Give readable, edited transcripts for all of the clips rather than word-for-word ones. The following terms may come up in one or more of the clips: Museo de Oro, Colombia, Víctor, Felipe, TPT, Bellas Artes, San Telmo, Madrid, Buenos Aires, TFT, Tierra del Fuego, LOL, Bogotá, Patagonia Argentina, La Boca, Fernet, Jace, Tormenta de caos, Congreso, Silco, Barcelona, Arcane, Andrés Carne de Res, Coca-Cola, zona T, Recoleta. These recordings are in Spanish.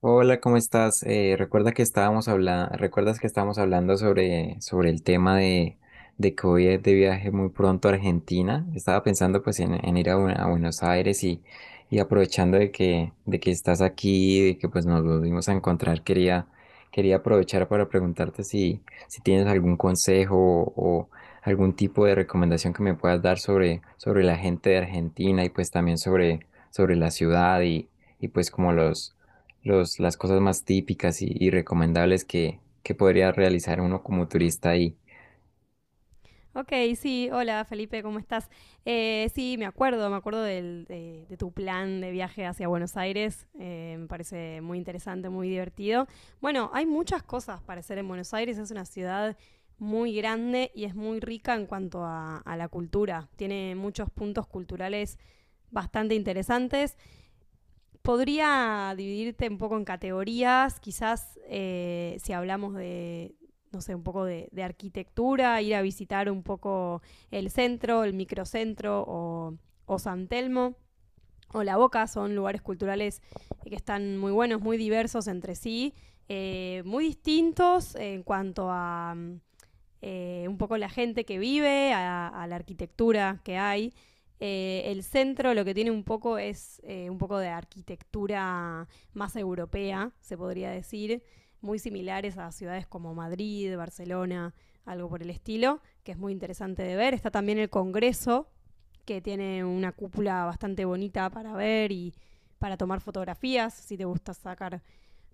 Hola, ¿cómo estás? Recuerda que ¿recuerdas que estábamos hablando sobre el tema de que voy a ir de viaje muy pronto a Argentina? Estaba pensando pues en ir a Buenos Aires y aprovechando de que estás aquí, de que pues nos volvimos a encontrar, quería aprovechar para preguntarte si, si tienes algún consejo o algún tipo de recomendación que me puedas dar sobre la gente de Argentina y pues también sobre la ciudad y pues como las cosas más típicas y recomendables que podría realizar uno como turista ahí. Ok, sí, hola Felipe, ¿cómo estás? Sí, me acuerdo de tu plan de viaje hacia Buenos Aires. Me parece muy interesante, muy divertido. Bueno, hay muchas cosas para hacer en Buenos Aires. Es una ciudad muy grande y es muy rica en cuanto a la cultura, tiene muchos puntos culturales bastante interesantes. Podría dividirte un poco en categorías, quizás si hablamos de, no sé, un poco de arquitectura, ir a visitar un poco el centro, el microcentro o San Telmo o La Boca. Son lugares culturales que están muy buenos, muy diversos entre sí, muy distintos en cuanto a un poco la gente que vive, a la arquitectura que hay. El centro lo que tiene un poco es un poco de arquitectura más europea, se podría decir, muy similares a ciudades como Madrid, Barcelona, algo por el estilo, que es muy interesante de ver. Está también el Congreso, que tiene una cúpula bastante bonita para ver y para tomar fotografías, si te gusta sacar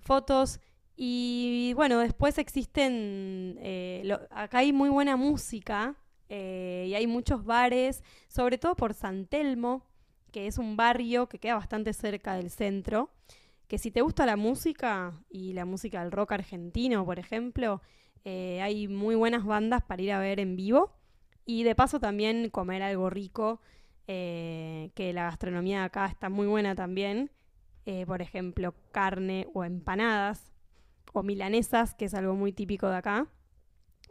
fotos. Y bueno, después existen, acá hay muy buena música y hay muchos bares, sobre todo por San Telmo, que es un barrio que queda bastante cerca del centro. Que si te gusta la música y la música del rock argentino, por ejemplo, hay muy buenas bandas para ir a ver en vivo y de paso también comer algo rico. Que la gastronomía de acá está muy buena también. Por ejemplo, carne o empanadas o milanesas, que es algo muy típico de acá.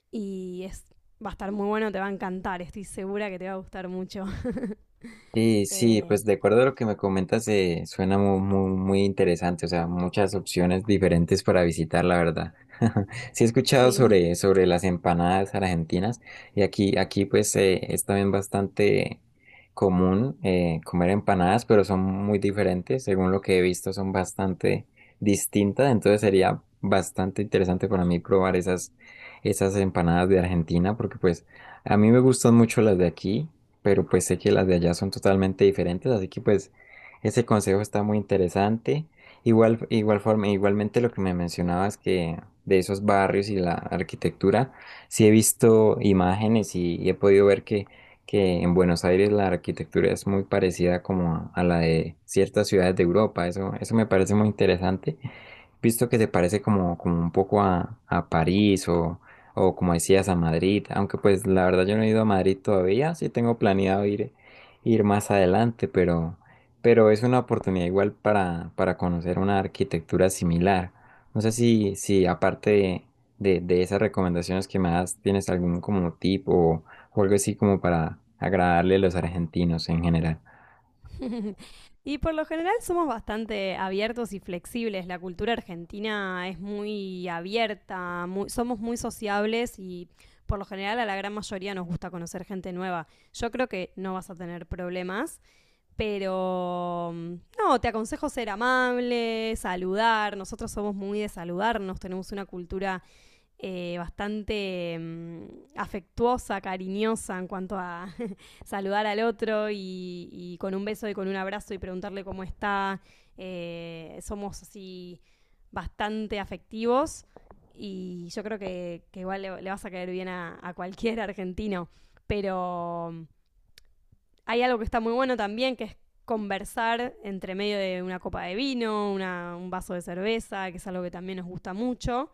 Y es, va a estar muy bueno, te va a encantar, estoy segura que te va a gustar mucho. Sí, sí, Eh, pues de acuerdo a lo que me comentas, suena muy interesante, o sea, muchas opciones diferentes para visitar, la verdad. Sí he escuchado sí. sobre las empanadas argentinas y aquí pues es también bastante común comer empanadas, pero son muy diferentes, según lo que he visto, son bastante distintas, entonces sería bastante interesante para mí probar esas empanadas de Argentina, porque pues a mí me gustan mucho las de aquí, pero pues sé que las de allá son totalmente diferentes, así que pues ese consejo está muy interesante. Igual, igual forma, igualmente lo que me mencionabas que de esos barrios y la arquitectura, sí he visto imágenes y he podido ver que en Buenos Aires la arquitectura es muy parecida como a la de ciertas ciudades de Europa. Eso me parece muy interesante visto que se parece como, como un poco a París o como decías a Madrid, aunque pues la verdad yo no he ido a Madrid todavía, sí tengo planeado ir, ir más adelante, pero es una oportunidad igual para conocer una arquitectura similar. No sé si, si aparte de esas recomendaciones que me das, tienes algún como tip o algo así como para agradarle a los argentinos en general. Y por lo general somos bastante abiertos y flexibles. La cultura argentina es muy abierta, muy, somos muy sociables y por lo general a la gran mayoría nos gusta conocer gente nueva. Yo creo que no vas a tener problemas, pero no, te aconsejo ser amable, saludar. Nosotros somos muy de saludarnos, tenemos una cultura bastante afectuosa, cariñosa en cuanto a saludar al otro, y con un beso y con un abrazo y preguntarle cómo está. Somos así bastante afectivos y yo creo que igual le vas a caer bien a cualquier argentino. Pero hay algo que está muy bueno también, que es conversar entre medio de una copa de vino, un vaso de cerveza, que es algo que también nos gusta mucho.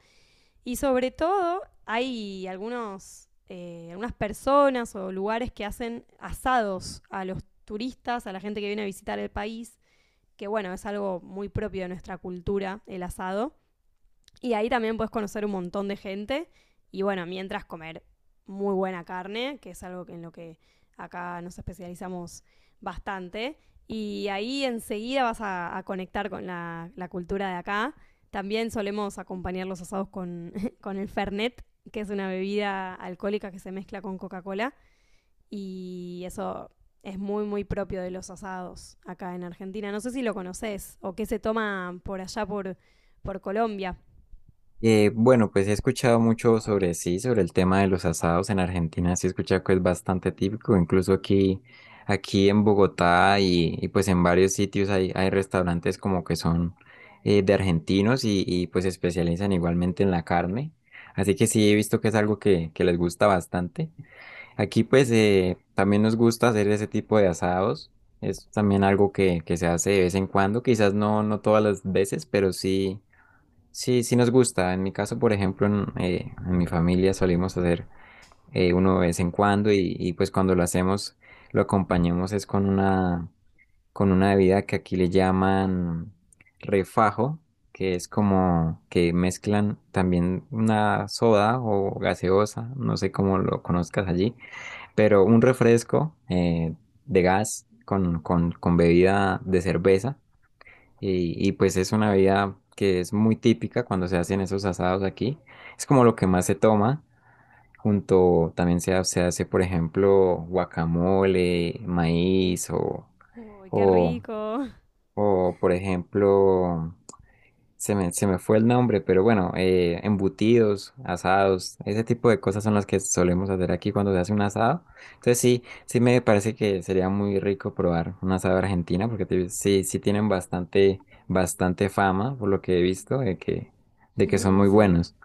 Y sobre todo, hay algunas personas o lugares que hacen asados a los turistas, a la gente que viene a visitar el país, que bueno, es algo muy propio de nuestra cultura, el asado. Y ahí también puedes conocer un montón de gente. Y bueno, mientras comer muy buena carne, que es algo en lo que acá nos especializamos bastante. Y ahí enseguida vas a conectar con la cultura de acá. También solemos acompañar los asados con, con el Fernet, que es una bebida alcohólica que se mezcla con Coca-Cola. Y eso es muy, muy propio de los asados acá en Argentina. No sé si lo conoces o qué se toma por allá, por Colombia. Bueno, pues he escuchado mucho sobre sí, sobre el tema de los asados en Argentina, sí he escuchado que es bastante típico, incluso aquí en Bogotá y pues en varios sitios hay restaurantes como que son de argentinos y pues se especializan igualmente en la carne, así que sí he visto que es algo que les gusta bastante. Aquí pues también nos gusta hacer ese tipo de asados, es también algo que se hace de vez en cuando, quizás no, no todas las veces, pero sí. Sí, sí nos gusta. En mi caso, por ejemplo, en mi familia solimos hacer uno de vez en cuando y, pues cuando lo hacemos lo acompañamos es con una bebida que aquí le llaman refajo, que es como que mezclan también una soda o gaseosa, no sé cómo lo conozcas allí, pero un refresco de gas con bebida de cerveza y, pues es una bebida que es muy típica cuando se hacen esos asados aquí. Es como lo que más se toma. Junto también se hace, por ejemplo, guacamole, maíz Uy, qué o, rico. o, por ejemplo, se me fue el nombre, pero bueno, embutidos, asados, ese tipo de cosas son las que solemos hacer aquí cuando se hace un asado. Entonces sí, sí me parece que sería muy rico probar un asado de Argentina, porque sí, sí tienen bastante fama, por lo que he visto, de que son muy Sí. buenos.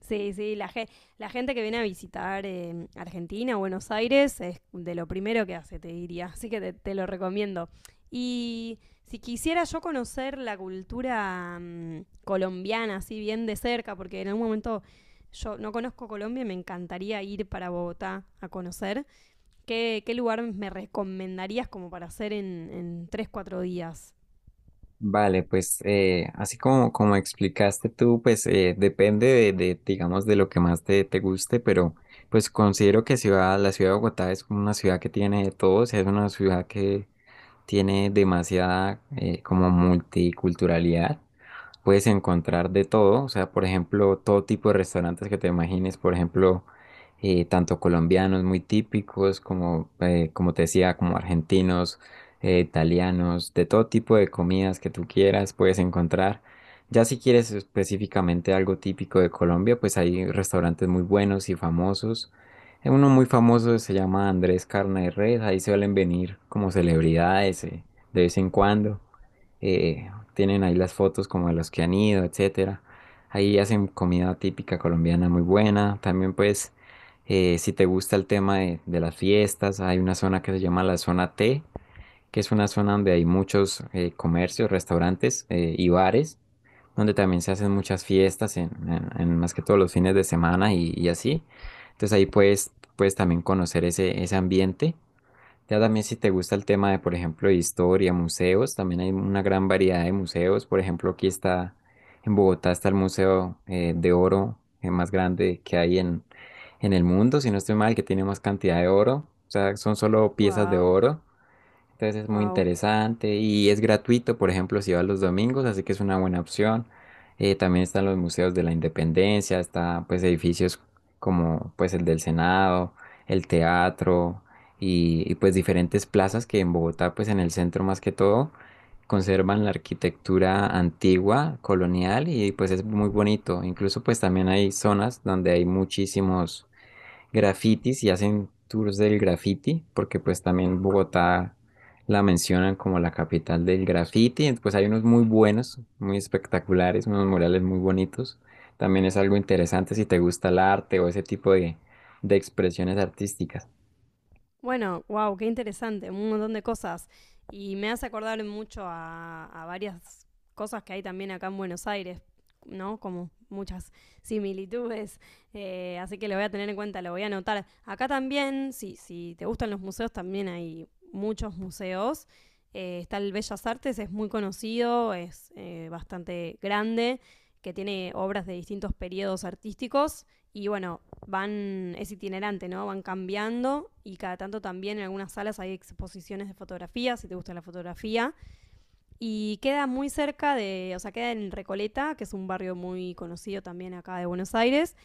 Sí, sí, la gente que viene a visitar Argentina, Buenos Aires, es de lo primero que hace, te diría. Así que te lo recomiendo. Y si quisiera yo conocer la cultura colombiana así bien de cerca, porque en algún momento yo no conozco Colombia y me encantaría ir para Bogotá a conocer, ¿qué, qué lugar me recomendarías como para hacer en 3, 4 días? Vale, pues así como, como explicaste tú, pues depende digamos, de lo que más te, te guste, pero pues considero la ciudad de Bogotá es una ciudad que tiene de todo, o sea, es una ciudad que tiene demasiada como multiculturalidad, puedes encontrar de todo, o sea, por ejemplo, todo tipo de restaurantes que te imagines, por ejemplo, tanto colombianos muy típicos como, como te decía, como argentinos, italianos, de todo tipo de comidas que tú quieras puedes encontrar. Ya si quieres específicamente algo típico de Colombia, pues hay restaurantes muy buenos y famosos. Uno muy famoso se llama Andrés Carne de Res, ahí suelen venir como celebridades de vez en cuando. Eh, Tienen ahí las fotos como de los que han ido, etcétera. Ahí hacen comida típica colombiana muy buena. También pues, si te gusta el tema de las fiestas, hay una zona que se llama la zona T, que es una zona donde hay muchos comercios, restaurantes y bares, donde también se hacen muchas fiestas, en más que todos los fines de semana y así. Entonces ahí puedes, puedes también conocer ese ambiente. Ya también si te gusta el tema de, por ejemplo, de historia, museos, también hay una gran variedad de museos. Por ejemplo, aquí está, en Bogotá está el Museo de Oro más grande que hay en el mundo, si no estoy mal, que tiene más cantidad de oro. O sea, son solo piezas de Wow, oro. Entonces es muy wow. interesante y es gratuito, por ejemplo, si vas los domingos, así que es una buena opción. También están los museos de la Independencia, está pues edificios como pues el del Senado, el teatro y, pues diferentes plazas que en Bogotá, pues en el centro más que todo, conservan la arquitectura antigua, colonial y pues es muy bonito. Incluso pues también hay zonas donde hay muchísimos grafitis y hacen tours del graffiti, porque pues también Bogotá la mencionan como la capital del graffiti, pues hay unos muy buenos, muy espectaculares, unos murales muy bonitos. También es algo interesante si te gusta el arte o ese tipo de expresiones artísticas. Bueno, wow, qué interesante, un montón de cosas. Y me hace acordar mucho a varias cosas que hay también acá en Buenos Aires, ¿no? Como muchas similitudes. Así que lo voy a tener en cuenta, lo voy a anotar. Acá también, si, si te gustan los museos, también hay muchos museos. Está el Bellas Artes, es muy conocido, es bastante grande, que tiene obras de distintos periodos artísticos. Y bueno, van, es itinerante, ¿no? Van cambiando y cada tanto también en algunas salas hay exposiciones de fotografía, si te gusta la fotografía. Y queda muy cerca de, o sea, queda en Recoleta, que es un barrio muy conocido también acá de Buenos Aires.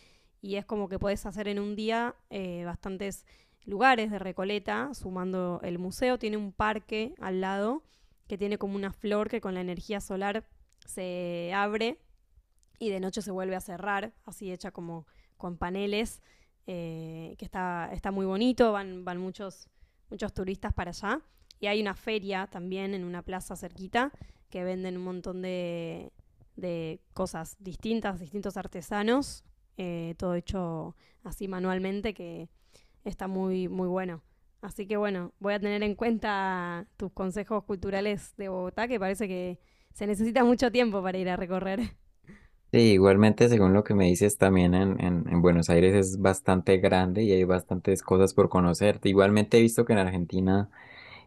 Y es como que puedes hacer en un día bastantes lugares de Recoleta, sumando el museo. Tiene un parque al lado que tiene como una flor que con la energía solar se abre y de noche se vuelve a cerrar, así hecha como con paneles. Que está, está muy bonito, van, muchos turistas para allá. Y hay una feria también en una plaza cerquita que venden un montón de cosas distintas, distintos artesanos, todo hecho así manualmente, que está muy, muy bueno. Así que bueno, voy a tener en cuenta tus consejos culturales de Bogotá, que parece que se necesita mucho tiempo para ir a recorrer. Sí, igualmente, según lo que me dices, también en Buenos Aires es bastante grande y hay bastantes cosas por conocer. Igualmente he visto que en Argentina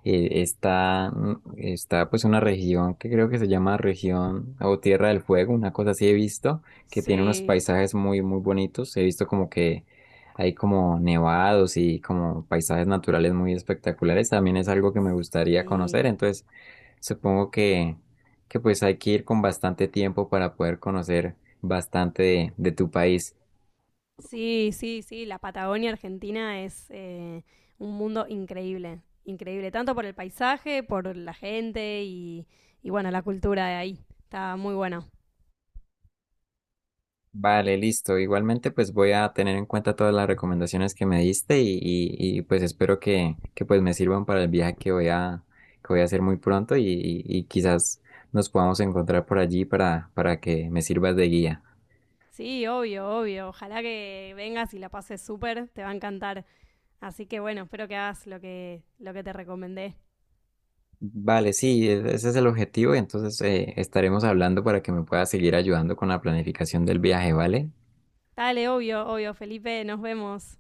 está, está pues una región que creo que se llama región o Tierra del Fuego, una cosa así he visto, que tiene unos Sí, paisajes muy, muy bonitos. He visto como que hay como nevados y como paisajes naturales muy espectaculares. También es algo que me gustaría Sí, conocer. Entonces, supongo que pues hay que ir con bastante tiempo para poder conocer bastante de tu país. sí, la Patagonia Argentina es un mundo increíble, increíble, tanto por el paisaje, por la gente y bueno, la cultura de ahí, está muy bueno. Vale, listo. Igualmente, pues voy a tener en cuenta todas las recomendaciones que me diste y, pues espero que pues me sirvan para el viaje que voy que voy a hacer muy pronto y quizás nos podamos encontrar por allí para que me sirvas de guía. Sí, obvio, obvio, ojalá que vengas y la pases súper, te va a encantar. Así que bueno, espero que hagas lo que te recomendé. Vale, sí, ese es el objetivo y entonces estaremos hablando para que me puedas seguir ayudando con la planificación del viaje, ¿vale? Dale, obvio, obvio, Felipe, nos vemos.